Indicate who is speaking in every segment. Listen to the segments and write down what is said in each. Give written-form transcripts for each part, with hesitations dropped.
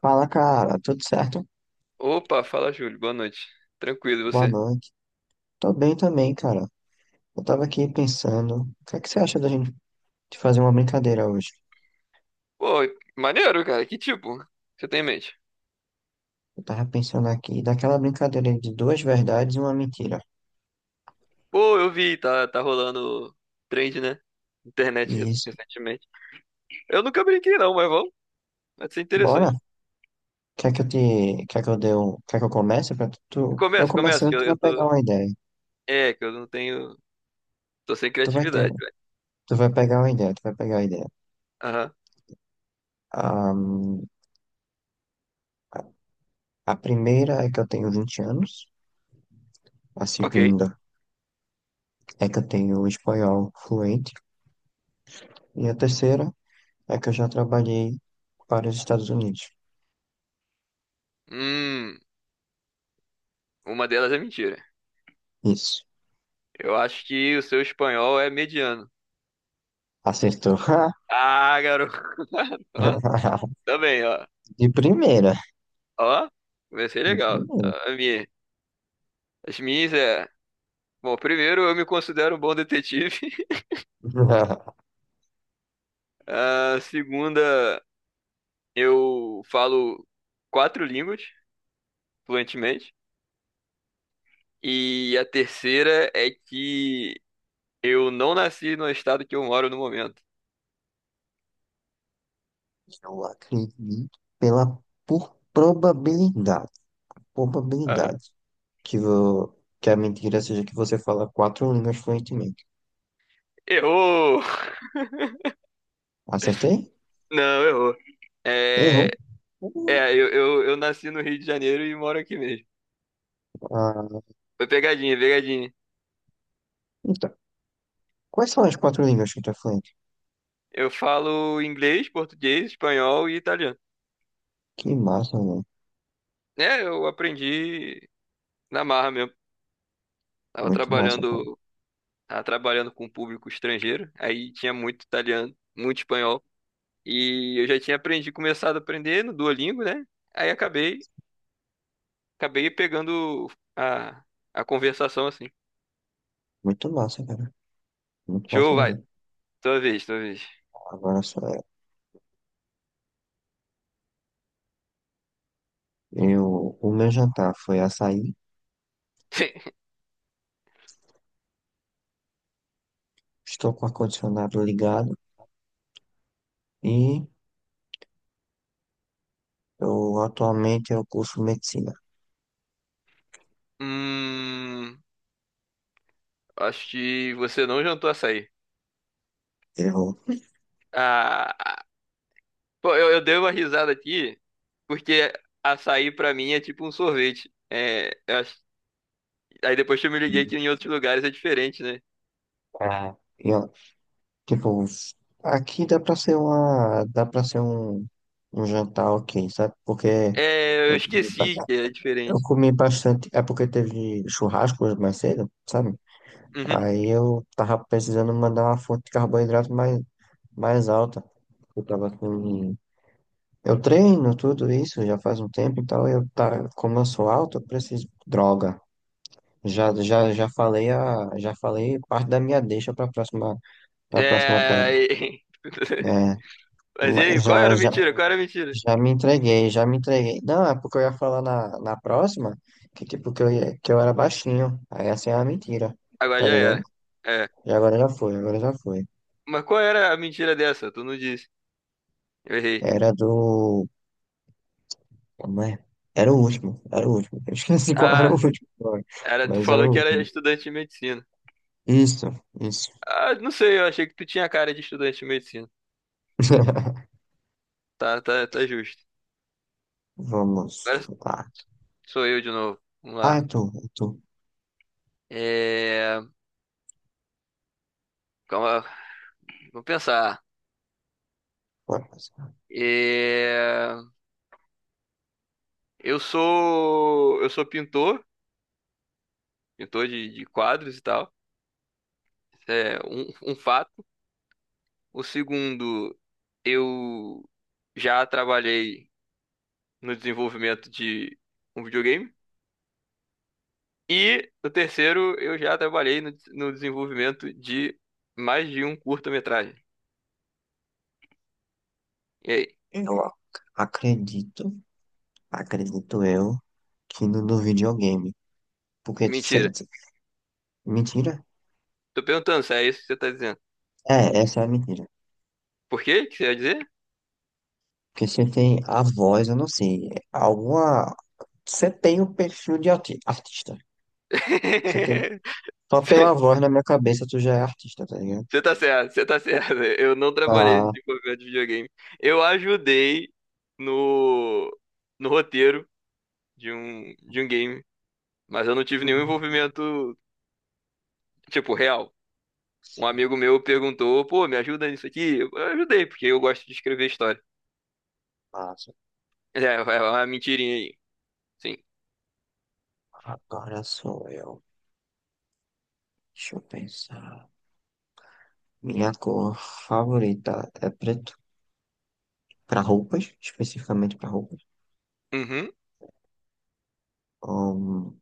Speaker 1: Fala, cara, tudo certo?
Speaker 2: Opa, fala Júlio, boa noite. Tranquilo, e
Speaker 1: Boa
Speaker 2: você?
Speaker 1: noite. Tô bem também, cara. Eu tava aqui pensando, o que é que você acha da gente de fazer uma brincadeira hoje?
Speaker 2: Pô, maneiro, cara, que tipo você tem em mente?
Speaker 1: Eu tava pensando aqui, daquela brincadeira de duas verdades e uma mentira.
Speaker 2: Pô, eu vi, tá, tá rolando trend, né? Internet
Speaker 1: Isso.
Speaker 2: recentemente. Eu nunca brinquei não, mas vamos, vai ser
Speaker 1: Bora?
Speaker 2: interessante.
Speaker 1: Quer que eu te, quer que eu dê um, Quer que eu comece pra tu? Eu
Speaker 2: Começa, começa, que
Speaker 1: começando,
Speaker 2: eu,
Speaker 1: tu
Speaker 2: eu
Speaker 1: vai
Speaker 2: tô...
Speaker 1: pegar uma ideia.
Speaker 2: É, que eu não tenho... Tô sem
Speaker 1: Tu vai ter,
Speaker 2: criatividade, velho.
Speaker 1: tu vai pegar uma ideia, tu vai pegar a ideia.
Speaker 2: Aham,
Speaker 1: Ahn, a primeira é que eu tenho 20 anos, a
Speaker 2: ok.
Speaker 1: segunda é que eu tenho espanhol fluente, e a terceira é que eu já trabalhei para os Estados Unidos.
Speaker 2: Hum, uma delas é mentira.
Speaker 1: Isso.
Speaker 2: Eu acho que o seu espanhol é mediano.
Speaker 1: Acertou.
Speaker 2: Ah, garoto. Ó, tá bem, ó.
Speaker 1: De primeira.
Speaker 2: Ó, vai ser
Speaker 1: De
Speaker 2: legal.
Speaker 1: primeira.
Speaker 2: A minha, as minhas é. Bom, primeiro, eu me considero um bom detetive. A segunda, eu falo quatro línguas fluentemente. E a terceira é que eu não nasci no estado que eu moro no momento.
Speaker 1: Eu acredito pela por probabilidade.
Speaker 2: Ah,
Speaker 1: Probabilidade. Que, vo, que a mentira seja que você fala quatro línguas fluentemente.
Speaker 2: errou!
Speaker 1: Acertei?
Speaker 2: Não, errou.
Speaker 1: Errou?
Speaker 2: É,
Speaker 1: Uh,
Speaker 2: é eu nasci no Rio de Janeiro e moro aqui mesmo.
Speaker 1: Ah,
Speaker 2: Foi pegadinha, pegadinha.
Speaker 1: então, quais são as quatro línguas que tu é fluente?
Speaker 2: Eu falo inglês, português, espanhol e italiano.
Speaker 1: Que massa, mano.
Speaker 2: É, eu aprendi na marra mesmo. Tava
Speaker 1: Muito massa, cara.
Speaker 2: trabalhando tava trabalhando com um público estrangeiro, aí tinha muito italiano, muito espanhol, e eu já tinha aprendido, começado a aprender no Duolingo, né? Aí acabei pegando a, a conversação assim.
Speaker 1: Muito massa, cara. Muito massa
Speaker 2: Show, vai,
Speaker 1: mesmo.
Speaker 2: tua vez, tua vez.
Speaker 1: Agora só. Eu, o meu jantar foi açaí, estou com o ar-condicionado ligado e eu atualmente eu curso medicina.
Speaker 2: Hum, Acho que você não jantou açaí.
Speaker 1: Eu,
Speaker 2: Ah, pô, eu dei uma risada aqui, porque açaí pra mim é tipo um sorvete. É, eu acho- aí depois que eu me liguei que em outros lugares é diferente, né?
Speaker 1: ah, eu, tipo, aqui dá pra ser uma, dá pra ser um, um jantar ok, sabe? Porque
Speaker 2: É, eu
Speaker 1: eu comi, ba-
Speaker 2: esqueci que é
Speaker 1: eu
Speaker 2: diferente.
Speaker 1: comi bastante, é porque teve churrasco hoje mais cedo, sabe?
Speaker 2: Uhum.
Speaker 1: Aí eu tava precisando mandar uma fonte de carboidrato mais alta. Eu tava com. Eu treino tudo isso já faz um tempo, então como eu sou alto, eu preciso droga. Já falei a já falei parte da minha deixa para próxima pedra.
Speaker 2: É.
Speaker 1: É,
Speaker 2: Mas e aí,
Speaker 1: mas
Speaker 2: qual era a mentira? Qual era a mentira?
Speaker 1: já me entreguei, já me entreguei. Não, é porque eu ia falar na próxima que tipo que eu ia, que eu era baixinho. Aí essa é uma mentira,
Speaker 2: Agora
Speaker 1: tá
Speaker 2: já
Speaker 1: ligado?
Speaker 2: era. É.
Speaker 1: E agora já foi, agora já foi.
Speaker 2: Mas qual era a mentira dessa? Tu não disse. Eu errei.
Speaker 1: Era do, como é? Era o último, era o último. Eu esqueci qual era o
Speaker 2: Ah,
Speaker 1: último, agora,
Speaker 2: era, tu
Speaker 1: mas era
Speaker 2: falou
Speaker 1: o
Speaker 2: que era
Speaker 1: último.
Speaker 2: estudante de medicina.
Speaker 1: Isso. Isso.
Speaker 2: Ah, não sei, eu achei que tu tinha cara de estudante de medicina. Tá, tá, tá justo.
Speaker 1: Vamos
Speaker 2: Agora
Speaker 1: lá.
Speaker 2: sou eu de novo. Vamos
Speaker 1: Ah, é
Speaker 2: lá.
Speaker 1: tu, é tu.
Speaker 2: É. Calma, vamos pensar.
Speaker 1: Bora passar.
Speaker 2: É, eu sou. Eu sou pintor, pintor de quadros e tal. Isso é um fato. O segundo, eu já trabalhei no desenvolvimento de um videogame. E no terceiro, eu já trabalhei no desenvolvimento de mais de um curta-metragem. E aí?
Speaker 1: Eu ac- acredito, Acredito eu, que no, do videogame.
Speaker 2: É
Speaker 1: Porque se...
Speaker 2: mentira.
Speaker 1: Mentira?
Speaker 2: Tô perguntando se é isso que você tá dizendo.
Speaker 1: É, essa é a mentira.
Speaker 2: Por quê? O que você ia dizer?
Speaker 1: Porque você tem a voz, eu não sei, alguma... Você tem o perfil de artista. Você tem... Só pela
Speaker 2: Você
Speaker 1: voz na minha cabeça tu já é artista, tá ligado?
Speaker 2: você tá certo, você tá certo. Eu não trabalhei no
Speaker 1: Ah,
Speaker 2: desenvolvimento de videogame. Eu ajudei no, no roteiro de um game, mas eu não tive nenhum envolvimento, tipo, real. Um
Speaker 1: sim,
Speaker 2: amigo meu perguntou, pô, me ajuda nisso aqui? Eu ajudei, porque eu gosto de escrever história.
Speaker 1: passa.
Speaker 2: É, é uma mentirinha aí. Sim.
Speaker 1: Agora sou eu. Deixa eu pensar. Minha cor favorita é preto. Para roupas, especificamente para roupas.
Speaker 2: Uhum.
Speaker 1: Hum,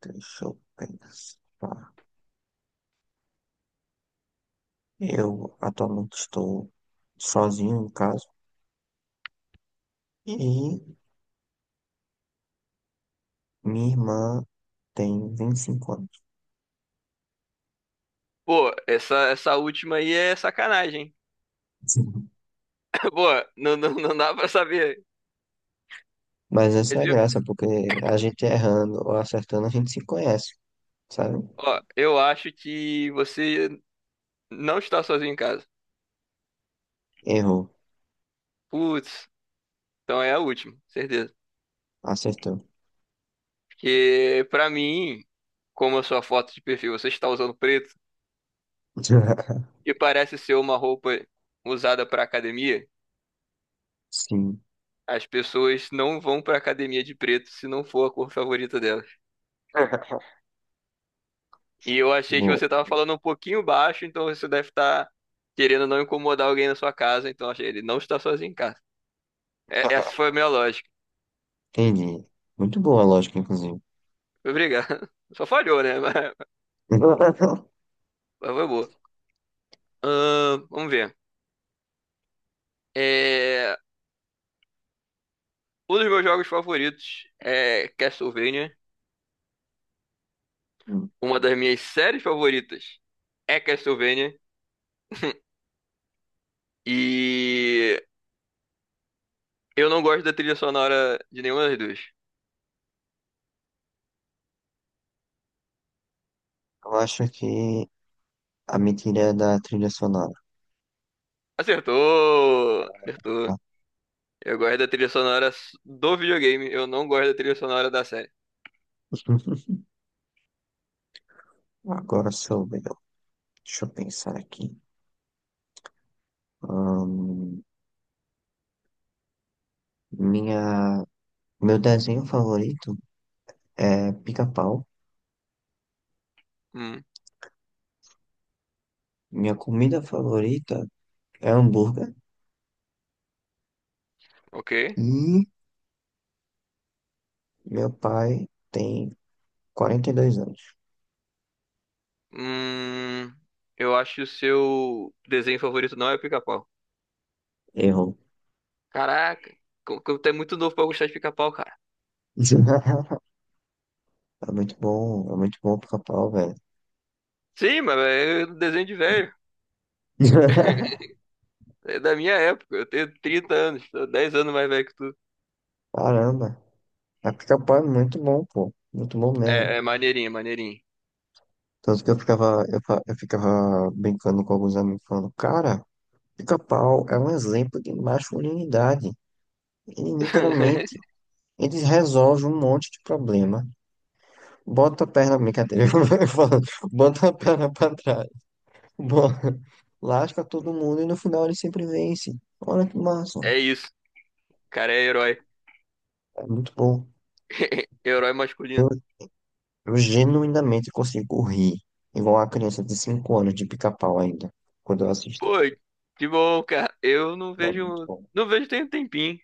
Speaker 1: deixa eu pensar. Eu atualmente estou sozinho em casa e minha irmã tem 25 anos.
Speaker 2: Pô, essa última aí é sacanagem, hein?
Speaker 1: Sim.
Speaker 2: Pô, não, não, não dá pra saber.
Speaker 1: Mas essa
Speaker 2: Mas
Speaker 1: é a
Speaker 2: eu-
Speaker 1: graça, porque a gente errando ou acertando, a gente se conhece, sabe?
Speaker 2: Ó, eu acho que você não está sozinho em casa.
Speaker 1: Errou,
Speaker 2: Putz, então é a última, certeza.
Speaker 1: acertou.
Speaker 2: Porque pra mim, como a sua foto de perfil, você está usando preto, que parece ser uma roupa usada pra academia.
Speaker 1: Sim,
Speaker 2: As pessoas não vão pra academia de preto se não for a cor favorita delas. E eu achei que
Speaker 1: boa.
Speaker 2: você tava falando um pouquinho baixo, então você deve estar querendo não incomodar alguém na sua casa, então achei ele não está sozinho em casa. É- essa foi a minha lógica.
Speaker 1: Entendi. Muito boa a lógica, inclusive.
Speaker 2: Obrigado. Só falhou, né? Mas, mas foi boa. Vamos ver. É, um dos meus jogos favoritos é Castlevania. Uma das minhas séries favoritas é Castlevania. E eu não gosto da trilha sonora de nenhuma das duas.
Speaker 1: Eu acho que a mentira é da trilha sonora.
Speaker 2: Acertou! Acertou. Eu gosto da trilha sonora do videogame, eu não gosto da trilha sonora da série.
Speaker 1: Agora sou eu. Deixa eu pensar aqui. Ahn, minha, Meu desenho favorito é pica-pau.
Speaker 2: Hum,
Speaker 1: Minha comida favorita é hambúrguer.
Speaker 2: ok.
Speaker 1: E meu pai tem 42 anos.
Speaker 2: Hum, eu acho que o seu desenho favorito não é Pica-Pau.
Speaker 1: Errou.
Speaker 2: Caraca, como tu é muito novo pra gostar de Pica-Pau, cara.
Speaker 1: É muito bom o pica-pau, velho.
Speaker 2: Sim, mas é um desenho de velho. É da minha época, eu tenho 30 anos, tô 10 anos mais velho que tu.
Speaker 1: Caramba, a pica-pau é muito bom, pô. Muito bom mesmo.
Speaker 2: É, é maneirinho, é maneirinho.
Speaker 1: Tanto que eu ficava brincando com alguns amigos falando, cara. Pica-pau é um exemplo de masculinidade. Ele literalmente, eles resolvem um monte de problema. Bota a perna, brincadeira, eu falo, bota a perna pra trás. bo- Lasca todo mundo e no final ele sempre vence. Olha que massa.
Speaker 2: É isso, cara é herói.
Speaker 1: É muito bom.
Speaker 2: Herói masculino.
Speaker 1: Eu, eu genuinamente consigo rir, igual a criança de 5 anos de pica-pau ainda, quando eu assisto.
Speaker 2: Pô, de boa, cara. Eu não
Speaker 1: É muito
Speaker 2: vejo.
Speaker 1: bom.
Speaker 2: Não vejo tem um tempinho.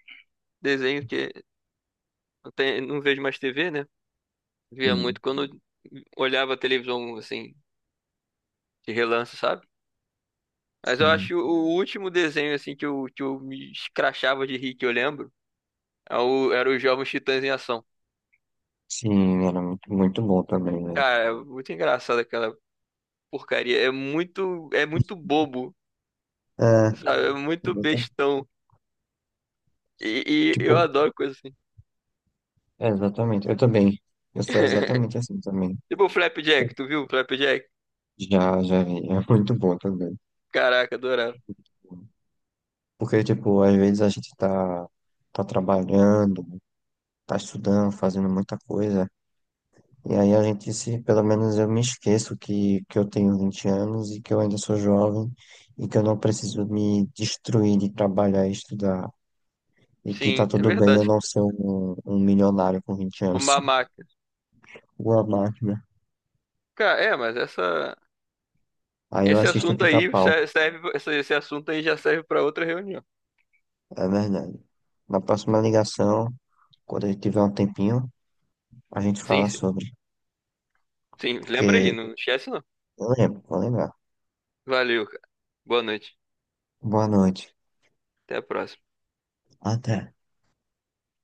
Speaker 2: Desenho que. Não, tem- não vejo mais TV, né? Via
Speaker 1: Hum.
Speaker 2: muito quando olhava a televisão, assim, de relance, sabe? Mas eu
Speaker 1: Sim,
Speaker 2: acho o último desenho, assim, que eu me escrachava de rir, que eu lembro, é o- era os Jovens Titãs em Ação.
Speaker 1: sim, era muito, muito bom também, né?
Speaker 2: Cara, é muito engraçado aquela porcaria. É muito. É muito bobo,
Speaker 1: É,
Speaker 2: sabe? É muito
Speaker 1: eu tô-
Speaker 2: bestão. E eu
Speaker 1: tipo,
Speaker 2: adoro coisa assim.
Speaker 1: É, exatamente, eu também. Eu sou exatamente assim também.
Speaker 2: Tipo o
Speaker 1: Pô,
Speaker 2: Flapjack, tu viu o Flapjack?
Speaker 1: já, já vi. É muito bom também.
Speaker 2: Caraca, adorava.
Speaker 1: Porque, tipo, às vezes a gente tá, tá trabalhando, tá estudando, fazendo muita coisa. E aí a gente se, pelo menos eu me esqueço que eu tenho 20 anos e que eu ainda sou jovem e que eu não preciso me destruir de trabalhar e estudar. E que tá
Speaker 2: Sim, é tá
Speaker 1: tudo bem eu
Speaker 2: verdade.
Speaker 1: não ser um milionário com 20 anos.
Speaker 2: Uma máquina.
Speaker 1: Uma máquina.
Speaker 2: Cara, é, mas
Speaker 1: Aí eu
Speaker 2: esse
Speaker 1: assisto o
Speaker 2: assunto aí
Speaker 1: Pica-Pau.
Speaker 2: serve, esse assunto aí já serve para outra reunião.
Speaker 1: É verdade. Na próxima ligação. Quando a gente tiver um tempinho, a gente
Speaker 2: Sim,
Speaker 1: fala
Speaker 2: sim,
Speaker 1: sobre.
Speaker 2: sim. Lembra
Speaker 1: Porque
Speaker 2: aí, não esquece não.
Speaker 1: eu lembro, vou lembrar.
Speaker 2: Valeu, cara. Boa noite.
Speaker 1: Boa noite.
Speaker 2: Até a próxima.
Speaker 1: Até.